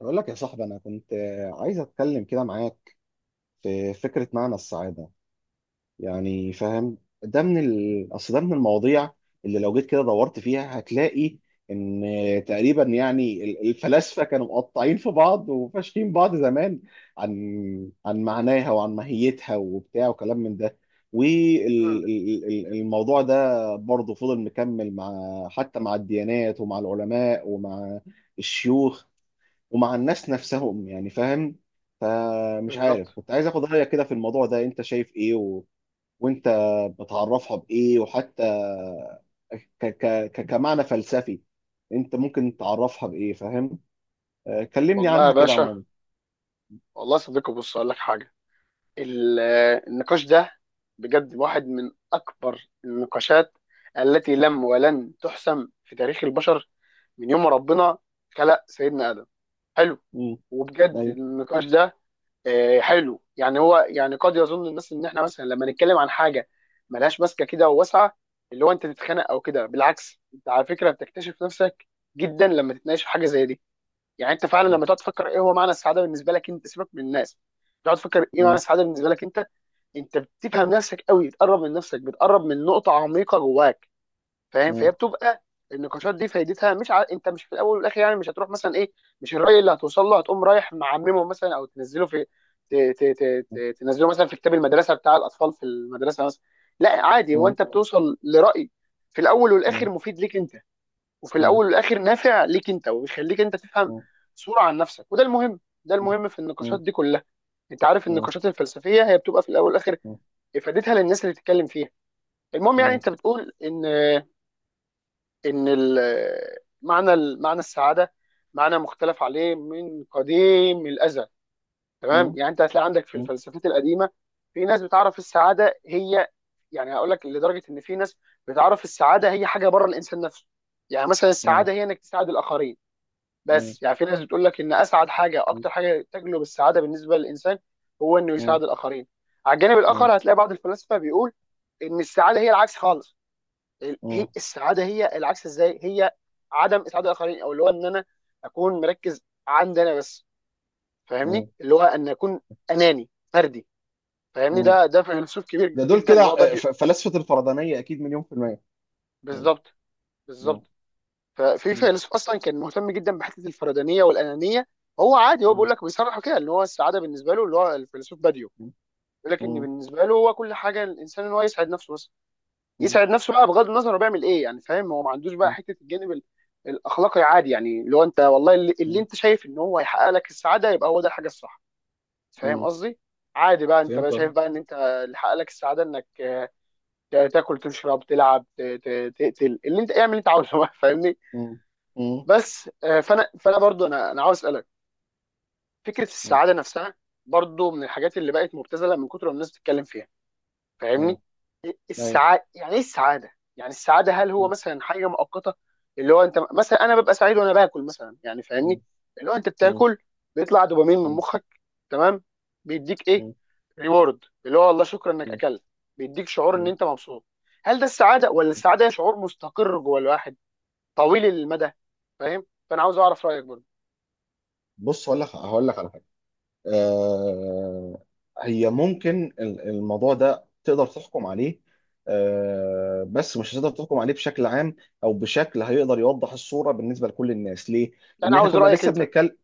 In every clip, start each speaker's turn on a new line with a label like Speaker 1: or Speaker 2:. Speaker 1: بقول لك يا صاحبي أنا كنت عايز أتكلم كده معاك في فكرة معنى السعادة، يعني فاهم؟ أصل ده من المواضيع اللي لو جيت كده دورت فيها هتلاقي إن تقريبا يعني الفلاسفة كانوا مقطعين في بعض وفاشكين بعض زمان عن معناها وعن ماهيتها وبتاع وكلام من ده.
Speaker 2: مم.
Speaker 1: والموضوع ده برضه فضل مكمل مع، حتى مع الديانات ومع العلماء ومع الشيوخ ومع الناس نفسهم، يعني فاهم؟ فمش عارف،
Speaker 2: بالظبط.
Speaker 1: كنت عايز اخد رايك كده في الموضوع ده، انت شايف ايه وانت بتعرفها بايه؟ وحتى ك... ك... كمعنى فلسفي انت ممكن تعرفها بايه، فاهم؟ كلمني
Speaker 2: والله يا
Speaker 1: عنها كده
Speaker 2: باشا،
Speaker 1: عموما.
Speaker 2: والله يا صديقي بص اقول لك حاجه. ال- النقاش ده بجد واحد من اكبر النقاشات التي لم ولن تحسم في تاريخ البشر من يوم ما ربنا خلق سيدنا ادم. حلو،
Speaker 1: مم.
Speaker 2: وبجد
Speaker 1: أيوة.
Speaker 2: النقاش ده حلو. يعني هو يعني قد يظن الناس ان احنا مثلا لما نتكلم عن حاجه ملهاش ماسكه كده وواسعه اللي هو انت تتخانق او كده، بالعكس انت على فكره بتكتشف نفسك جدا لما تتناقش في حاجه زي دي. يعني انت فعلا لما تقعد تفكر ايه هو معنى السعاده بالنسبه لك انت، سيبك من الناس، تقعد تفكر ايه معنى
Speaker 1: مم.
Speaker 2: السعاده بالنسبه لك انت، انت بتفهم نفسك قوي، بتقرب من نفسك، بتقرب من نقطه عميقه جواك. فاهم؟
Speaker 1: مم.
Speaker 2: فهي بتبقى النقاشات دي فايدتها مش انت مش في الاول والاخر، يعني مش هتروح مثلا ايه، مش الراي اللي هتوصل له هتقوم رايح معممه مثلا او تنزله في
Speaker 1: مم.
Speaker 2: تنزله مثلا في كتاب المدرسه بتاع الاطفال في المدرسه مثلا. لا عادي، هو
Speaker 1: مم.
Speaker 2: انت بتوصل لراي في الاول
Speaker 1: مم.
Speaker 2: والاخر مفيد ليك انت، وفي
Speaker 1: مم.
Speaker 2: الاول والاخر نافع ليك انت، وبيخليك انت تفهم
Speaker 1: مم.
Speaker 2: صورة عن نفسك. وده المهم، ده المهم في
Speaker 1: مم.
Speaker 2: النقاشات
Speaker 1: مم.
Speaker 2: دي كلها. انت عارف
Speaker 1: مم.
Speaker 2: النقاشات الفلسفية هي بتبقى في الاول والاخر افادتها للناس اللي بتتكلم فيها. المهم، يعني
Speaker 1: مم.
Speaker 2: انت بتقول ان ان ال- معنى السعادة معنى مختلف عليه من قديم الازل.
Speaker 1: مم.
Speaker 2: تمام،
Speaker 1: مم.
Speaker 2: يعني انت هتلاقي عندك في
Speaker 1: مم.
Speaker 2: الفلسفات القديمة في ناس بتعرف السعادة هي، يعني هقول لك لدرجة ان في ناس بتعرف السعادة هي حاجة بره الانسان نفسه. يعني مثلا السعادة هي انك تساعد الاخرين. بس يعني في ناس بتقول لك ان اسعد حاجه، اكتر حاجه تجلب السعاده بالنسبه للانسان، هو انه يساعد الاخرين. على الجانب
Speaker 1: مم.
Speaker 2: الاخر هتلاقي بعض الفلاسفه بيقول ان السعاده هي العكس خالص. هي
Speaker 1: مم.
Speaker 2: السعاده هي العكس ازاي؟ هي عدم اسعاد الاخرين، او اللي هو ان انا اكون مركز عندي انا بس.
Speaker 1: مم.
Speaker 2: فاهمني؟ اللي هو ان اكون اناني فردي. فاهمني؟
Speaker 1: مم.
Speaker 2: ده فيلسوف كبير
Speaker 1: ده دول
Speaker 2: جدا
Speaker 1: كده،
Speaker 2: اللي هو بادئ.
Speaker 1: فلاسفة الفردانية أكيد مليون في المية. مم.
Speaker 2: بالظبط،
Speaker 1: مم.
Speaker 2: بالظبط. ففي
Speaker 1: مم.
Speaker 2: فيلسوف اصلا كان مهتم جدا بحته الفردانيه والانانيه. هو عادي، هو
Speaker 1: مم.
Speaker 2: بيقول لك، بيصرح كده ان هو السعاده بالنسبه له، اللي هو الفيلسوف باديو، بيقول لك ان
Speaker 1: مم.
Speaker 2: بالنسبه له هو كل حاجه الانسان ان هو يسعد نفسه بس.
Speaker 1: مم.
Speaker 2: يسعد نفسه بقى بغض النظر هو بيعمل ايه. يعني فاهم، هو ما عندوش بقى
Speaker 1: مم.
Speaker 2: حته الجانب الاخلاقي عادي. يعني اللي هو انت والله اللي
Speaker 1: مم.
Speaker 2: انت شايف ان هو هيحقق لك السعاده يبقى هو ده الحاجه الصح. فاهم
Speaker 1: مم.
Speaker 2: قصدي؟ عادي بقى انت بقى
Speaker 1: فهمت
Speaker 2: شايف
Speaker 1: أهو.
Speaker 2: بقى ان انت اللي حقق لك السعاده انك تاكل، تشرب، تلعب، تقتل، اللي انت اعمل اللي انت عاوزه بقى. فاهمني؟
Speaker 1: مم. مم.
Speaker 2: بس فانا برضو انا عاوز اسالك، فكره
Speaker 1: مم.
Speaker 2: السعاده نفسها برضو من الحاجات اللي بقت مبتذله من كتر ما الناس بتتكلم فيها.
Speaker 1: مم.
Speaker 2: فاهمني؟
Speaker 1: أيوه.
Speaker 2: السعاده يعني ايه السعاده؟ يعني السعاده، هل هو
Speaker 1: مم.
Speaker 2: مثلا حاجه مؤقته اللي هو انت مثلا، انا ببقى سعيد وانا باكل مثلا؟ يعني فاهمني،
Speaker 1: مم.
Speaker 2: اللي هو انت
Speaker 1: مم.
Speaker 2: بتاكل، بيطلع دوبامين من
Speaker 1: مم.
Speaker 2: مخك، تمام، بيديك ايه،
Speaker 1: مم.
Speaker 2: ريورد اللي هو والله شكرا انك
Speaker 1: مم.
Speaker 2: اكلت، بيديك شعور ان
Speaker 1: مم.
Speaker 2: انت مبسوط. هل ده السعاده، ولا السعاده هي شعور مستقر جوه الواحد طويل المدى؟ فاهم؟ فانا عاوز اعرف رايك برضو.
Speaker 1: بص، هقول لك على حاجة. آه هي ممكن الموضوع ده تقدر تحكم عليه، بس مش هتقدر تحكم عليه بشكل عام، أو بشكل هيقدر يوضح الصورة بالنسبة لكل الناس. ليه؟
Speaker 2: لا انا
Speaker 1: لأن احنا
Speaker 2: عاوز
Speaker 1: كنا
Speaker 2: رايك
Speaker 1: لسه
Speaker 2: انت.
Speaker 1: بنتكلم.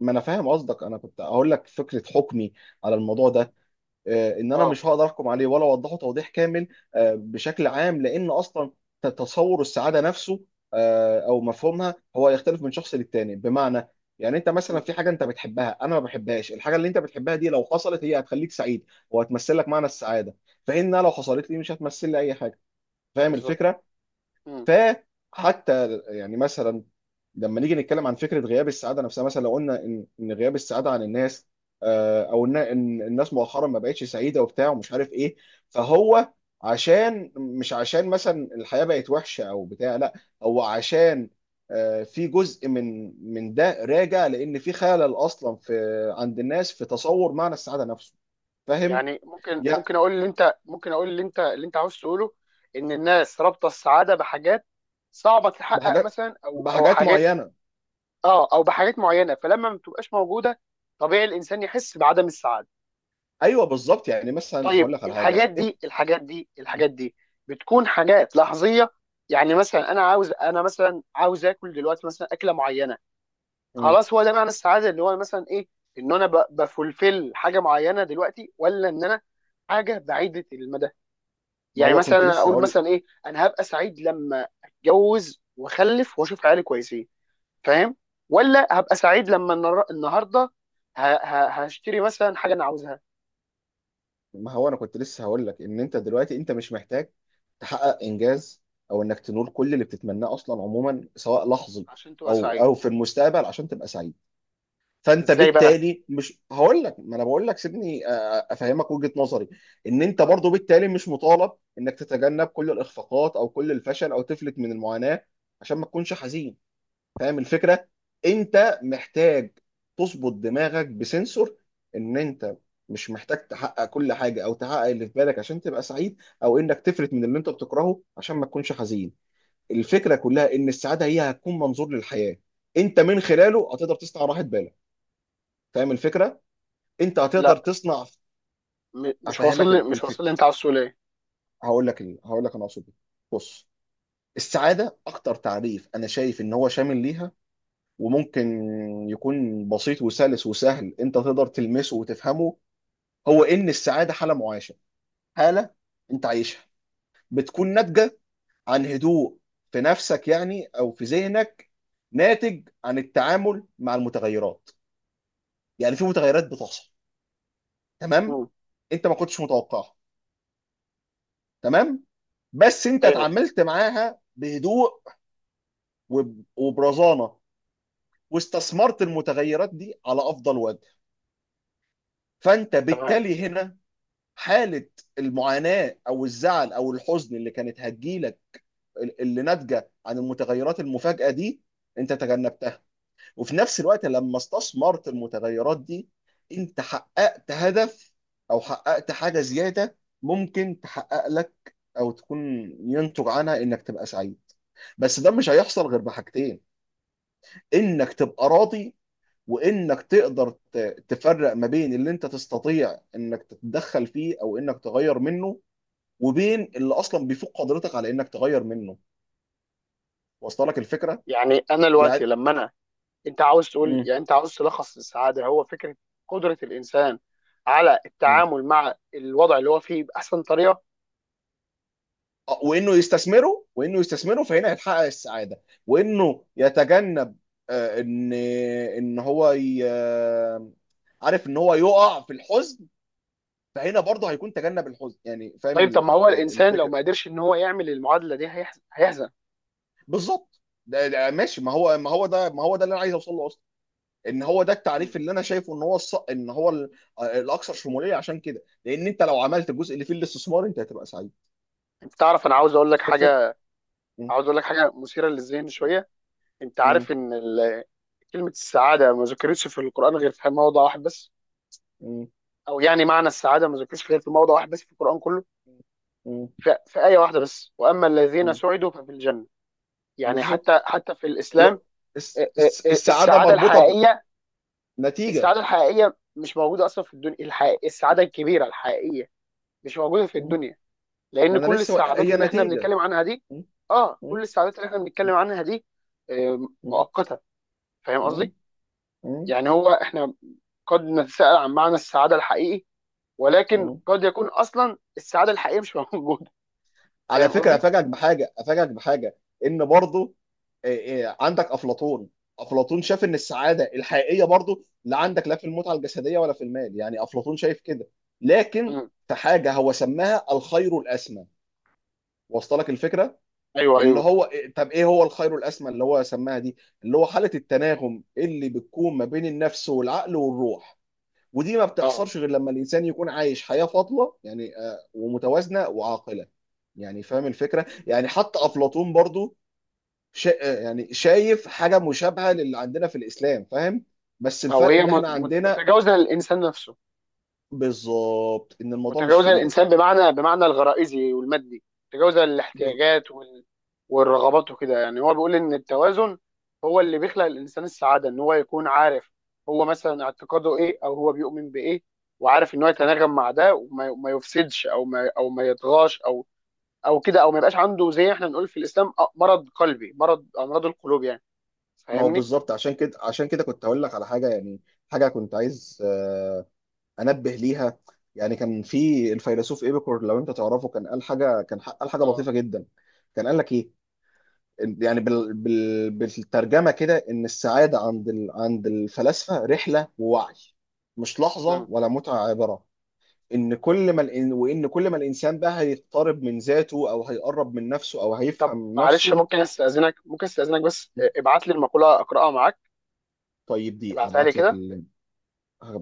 Speaker 1: ما انا فاهم قصدك، انا كنت هقول لك فكره حكمي على الموضوع ده. ان انا
Speaker 2: اه.
Speaker 1: مش هقدر احكم عليه ولا اوضحه توضيح كامل بشكل عام، لان اصلا تصور السعاده نفسه او مفهومها، هو يختلف من شخص للتاني. بمعنى يعني انت مثلا
Speaker 2: مم.
Speaker 1: في حاجه انت بتحبها انا ما بحبهاش، الحاجه اللي انت بتحبها دي لو حصلت هي هتخليك سعيد وهتمثل لك معنى السعاده، فانها لو حصلت لي مش هتمثل لي اي حاجه. فاهم
Speaker 2: بالظبط.
Speaker 1: الفكره؟
Speaker 2: مم.
Speaker 1: فحتى يعني مثلا لما نيجي نتكلم عن فكره غياب السعاده نفسها، مثلا لو قلنا ان غياب السعاده عن الناس، او ان إن الناس مؤخرا ما بقتش سعيده وبتاع ومش عارف ايه، فهو عشان، مش عشان مثلا الحياه بقت وحشه او بتاع، لا، هو عشان في جزء من ده راجع لان في خلل اصلا في عند الناس في تصور معنى السعاده نفسه، فاهم؟
Speaker 2: يعني ممكن،
Speaker 1: يا
Speaker 2: ممكن اقول اللي انت، ممكن اقول اللي انت اللي انت عاوز تقوله ان الناس رابطه السعاده بحاجات صعبه تتحقق
Speaker 1: بحاجات
Speaker 2: مثلا، او او
Speaker 1: بحاجات
Speaker 2: حاجات.
Speaker 1: معينه.
Speaker 2: اه او بحاجات معينه، فلما ما بتبقاش موجوده طبيعي الانسان يحس بعدم السعاده.
Speaker 1: ايوه بالظبط، يعني مثلا
Speaker 2: طيب
Speaker 1: هقول لك على حاجه.
Speaker 2: الحاجات دي، الحاجات دي، الحاجات دي بتكون حاجات لحظيه؟ يعني مثلا انا عاوز، انا مثلا عاوز اكل دلوقتي مثلا اكله معينه،
Speaker 1: مم.
Speaker 2: خلاص هو ده معنى السعاده، اللي هو مثلا ايه، ان انا بفulfill حاجه معينه دلوقتي، ولا ان انا حاجه بعيده المدى؟
Speaker 1: ما
Speaker 2: يعني
Speaker 1: هو
Speaker 2: مثلا
Speaker 1: كنت
Speaker 2: انا
Speaker 1: لسه
Speaker 2: اقول
Speaker 1: هقول،
Speaker 2: مثلا ايه، انا هبقى سعيد لما اتجوز واخلف واشوف عيالي كويسين؟ فاهم؟ ولا هبقى سعيد لما النهارده هشتري مثلا حاجه انا عاوزها؟
Speaker 1: ما هو انا كنت لسه هقول لك ان انت دلوقتي انت مش محتاج تحقق انجاز او انك تنول كل اللي بتتمناه اصلا، عموما، سواء لحظي
Speaker 2: عشان تبقى
Speaker 1: او
Speaker 2: سعيد.
Speaker 1: او في المستقبل عشان تبقى سعيد. فانت
Speaker 2: ازاي بقى؟
Speaker 1: بالتالي مش، هقول لك، ما انا بقول لك، سيبني افهمك وجهة نظري. ان انت
Speaker 2: طيب.
Speaker 1: برضو بالتالي مش مطالب انك تتجنب كل الاخفاقات او كل الفشل او تفلت من المعاناة عشان ما تكونش حزين، فاهم الفكره؟ انت محتاج تظبط دماغك بسنسور ان انت مش محتاج تحقق كل حاجه او تحقق اللي في بالك عشان تبقى سعيد، او انك تفلت من اللي انت بتكرهه عشان ما تكونش حزين. الفكره كلها ان السعاده هي هتكون منظور للحياه انت من خلاله هتقدر تصنع راحه بالك، فاهم الفكره؟ انت هتقدر
Speaker 2: لا،
Speaker 1: تصنع،
Speaker 2: مش واصل
Speaker 1: افهمك
Speaker 2: لي،
Speaker 1: ال-
Speaker 2: مش
Speaker 1: الفكره
Speaker 2: واصل لي، انت عاوز تقول ايه؟
Speaker 1: هقول لك انا اقصد إيه. بص، السعاده اكتر تعريف انا شايف ان هو شامل ليها وممكن يكون بسيط وسلس وسهل انت تقدر تلمسه وتفهمه، هو ان السعاده حاله معاشه، حاله انت عايشها، بتكون ناتجه عن هدوء في نفسك يعني او في ذهنك، ناتج عن التعامل مع المتغيرات. يعني في متغيرات بتحصل، تمام،
Speaker 2: مم.
Speaker 1: انت ما كنتش متوقعها، تمام، بس انت
Speaker 2: ايوه.
Speaker 1: اتعاملت معاها بهدوء وبرزانه واستثمرت المتغيرات دي على افضل وجه، فانت
Speaker 2: تمام.
Speaker 1: بالتالي هنا حالة المعاناة أو الزعل أو الحزن اللي كانت هتجيلك، اللي ناتجة عن المتغيرات المفاجئة دي، أنت تجنبتها. وفي نفس الوقت لما استثمرت المتغيرات دي أنت حققت هدف أو حققت حاجة زيادة ممكن تحقق لك، أو تكون ينتج عنها إنك تبقى سعيد. بس ده مش هيحصل غير بحاجتين: إنك تبقى راضي، وانك تقدر تفرق ما بين اللي انت تستطيع انك تتدخل فيه او انك تغير منه، وبين اللي اصلا بيفوق قدرتك على انك تغير منه. واصله لك الفكره؟
Speaker 2: يعني انا
Speaker 1: يعني.
Speaker 2: دلوقتي لما انا، انت عاوز تقول،
Speaker 1: مم.
Speaker 2: يعني انت عاوز تلخص السعاده هو فكره قدره الانسان على
Speaker 1: مم.
Speaker 2: التعامل مع الوضع اللي هو فيه باحسن طريقه.
Speaker 1: وانه يستثمره فهنا هيتحقق السعاده، وانه يتجنب ان ان هو ي... آه، عارف ان هو يقع في الحزن، فهنا برضه هيكون تجنب الحزن، يعني فاهم
Speaker 2: طيب، طب ما هو الانسان لو
Speaker 1: الفكره؟
Speaker 2: ما قدرش ان هو يعمل المعادله دي هيحزن.
Speaker 1: بالظبط، ده ماشي، ما هو ده اللي انا عايز اوصل له اصلا، ان هو ده التعريف
Speaker 2: مم.
Speaker 1: اللي انا شايفه ان هو الص... ان هو ال- الاكثر شموليه عشان كده، لان انت لو عملت الجزء اللي فيه الاستثمار انت هتبقى سعيد،
Speaker 2: انت تعرف، انا عاوز اقول لك
Speaker 1: فاهم الفكره؟
Speaker 2: حاجه،
Speaker 1: م-
Speaker 2: عاوز اقول لك حاجه مثيره للذهن شويه. انت
Speaker 1: م-
Speaker 2: عارف ان كلمه السعاده ما ذكرتش في القران غير في موضع واحد بس،
Speaker 1: م-
Speaker 2: او يعني معنى السعاده ما ذكرش غير في موضع واحد بس في القران كله.
Speaker 1: م-
Speaker 2: في ايه واحده بس، واما الذين
Speaker 1: م.
Speaker 2: سعدوا ففي الجنه. يعني حتى،
Speaker 1: بالظبط،
Speaker 2: حتى في
Speaker 1: اللي
Speaker 2: الاسلام
Speaker 1: هو السعاده
Speaker 2: السعاده
Speaker 1: مربوطه
Speaker 2: الحقيقيه،
Speaker 1: بنتيجه.
Speaker 2: السعاده الحقيقيه مش موجوده اصلا في الدنيا. الحقيقة السعاده الكبيره الحقيقيه مش موجوده في
Speaker 1: م.
Speaker 2: الدنيا، لان
Speaker 1: ما انا
Speaker 2: كل
Speaker 1: لسه
Speaker 2: السعادات
Speaker 1: هي
Speaker 2: اللي احنا
Speaker 1: نتيجه.
Speaker 2: بنتكلم عنها دي،
Speaker 1: م-
Speaker 2: اه كل
Speaker 1: م-
Speaker 2: السعادات اللي احنا بنتكلم عنها دي
Speaker 1: م-
Speaker 2: مؤقته. فاهم
Speaker 1: م-
Speaker 2: قصدي؟
Speaker 1: م-
Speaker 2: يعني هو احنا قد نتساءل عن معنى السعاده الحقيقي، ولكن
Speaker 1: م.
Speaker 2: قد يكون اصلا السعاده الحقيقيه مش موجوده.
Speaker 1: على
Speaker 2: فاهم
Speaker 1: فكره
Speaker 2: قصدي؟
Speaker 1: افاجئك بحاجه، افاجئك بحاجه، ان برضو إيه، إيه، عندك افلاطون. افلاطون شاف ان السعاده الحقيقيه برضو لا عندك لا في المتعه الجسديه ولا في المال، يعني افلاطون شايف كده، لكن
Speaker 2: مم.
Speaker 1: في حاجه هو سماها الخير الاسمى، وصلك الفكره؟
Speaker 2: ايوه،
Speaker 1: اللي
Speaker 2: ايوه.
Speaker 1: هو طب ايه هو الخير الاسمى اللي هو سماها دي؟ اللي هو حاله التناغم اللي بتكون ما بين النفس والعقل والروح، ودي ما
Speaker 2: اه.
Speaker 1: بتحصلش غير لما الانسان يكون عايش حياه فاضله، يعني ومتوازنه وعاقله، يعني فاهم الفكره؟ يعني حتى
Speaker 2: مم.
Speaker 1: افلاطون برضو شا... يعني شايف حاجه مشابهه للي عندنا في الاسلام، فاهم؟ بس
Speaker 2: او
Speaker 1: الفرق
Speaker 2: هي
Speaker 1: ان احنا عندنا،
Speaker 2: متجاوزه للانسان نفسه.
Speaker 1: بالظبط، ان الموضوع مش
Speaker 2: متجاوزه
Speaker 1: في ايدك.
Speaker 2: الانسان بمعنى، بمعنى الغرائزي والمادي، متجاوزه
Speaker 1: ب-
Speaker 2: الاحتياجات والرغبات وكده. يعني هو بيقول ان التوازن هو اللي بيخلق الانسان السعاده، ان هو يكون عارف هو مثلا اعتقاده ايه، او هو بيؤمن بايه، وعارف ان هو يتناغم مع ده، وما ما يفسدش، او ما، او ما يطغاش، او او كده، او ما يبقاش عنده زي احنا بنقول في الاسلام مرض قلبي، مرض امراض القلوب يعني.
Speaker 1: ما هو
Speaker 2: فاهمني؟
Speaker 1: بالظبط، عشان كده عشان كده كنت هقول لك على حاجه يعني، حاجه كنت عايز انبه ليها. يعني كان في الفيلسوف ايبيكور، لو انت تعرفه، كان قال حاجه، قال حاجه
Speaker 2: اه.
Speaker 1: لطيفه جدا، كان قال لك ايه؟ يعني بالترجمه كده، ان السعاده عند الفلاسفه رحله ووعي، مش لحظه
Speaker 2: مم.
Speaker 1: ولا متعه عابره. ان كل ما وان كل ما الانسان بقى هيقترب من ذاته او هيقرب من نفسه او
Speaker 2: طب
Speaker 1: هيفهم
Speaker 2: معلش،
Speaker 1: نفسه.
Speaker 2: ممكن استاذنك، ممكن استاذنك بس ابعت لي المقوله اقراها معاك.
Speaker 1: طيب دي
Speaker 2: ابعتها لي
Speaker 1: ابعت لك
Speaker 2: كده.
Speaker 1: اللينك، هبعت.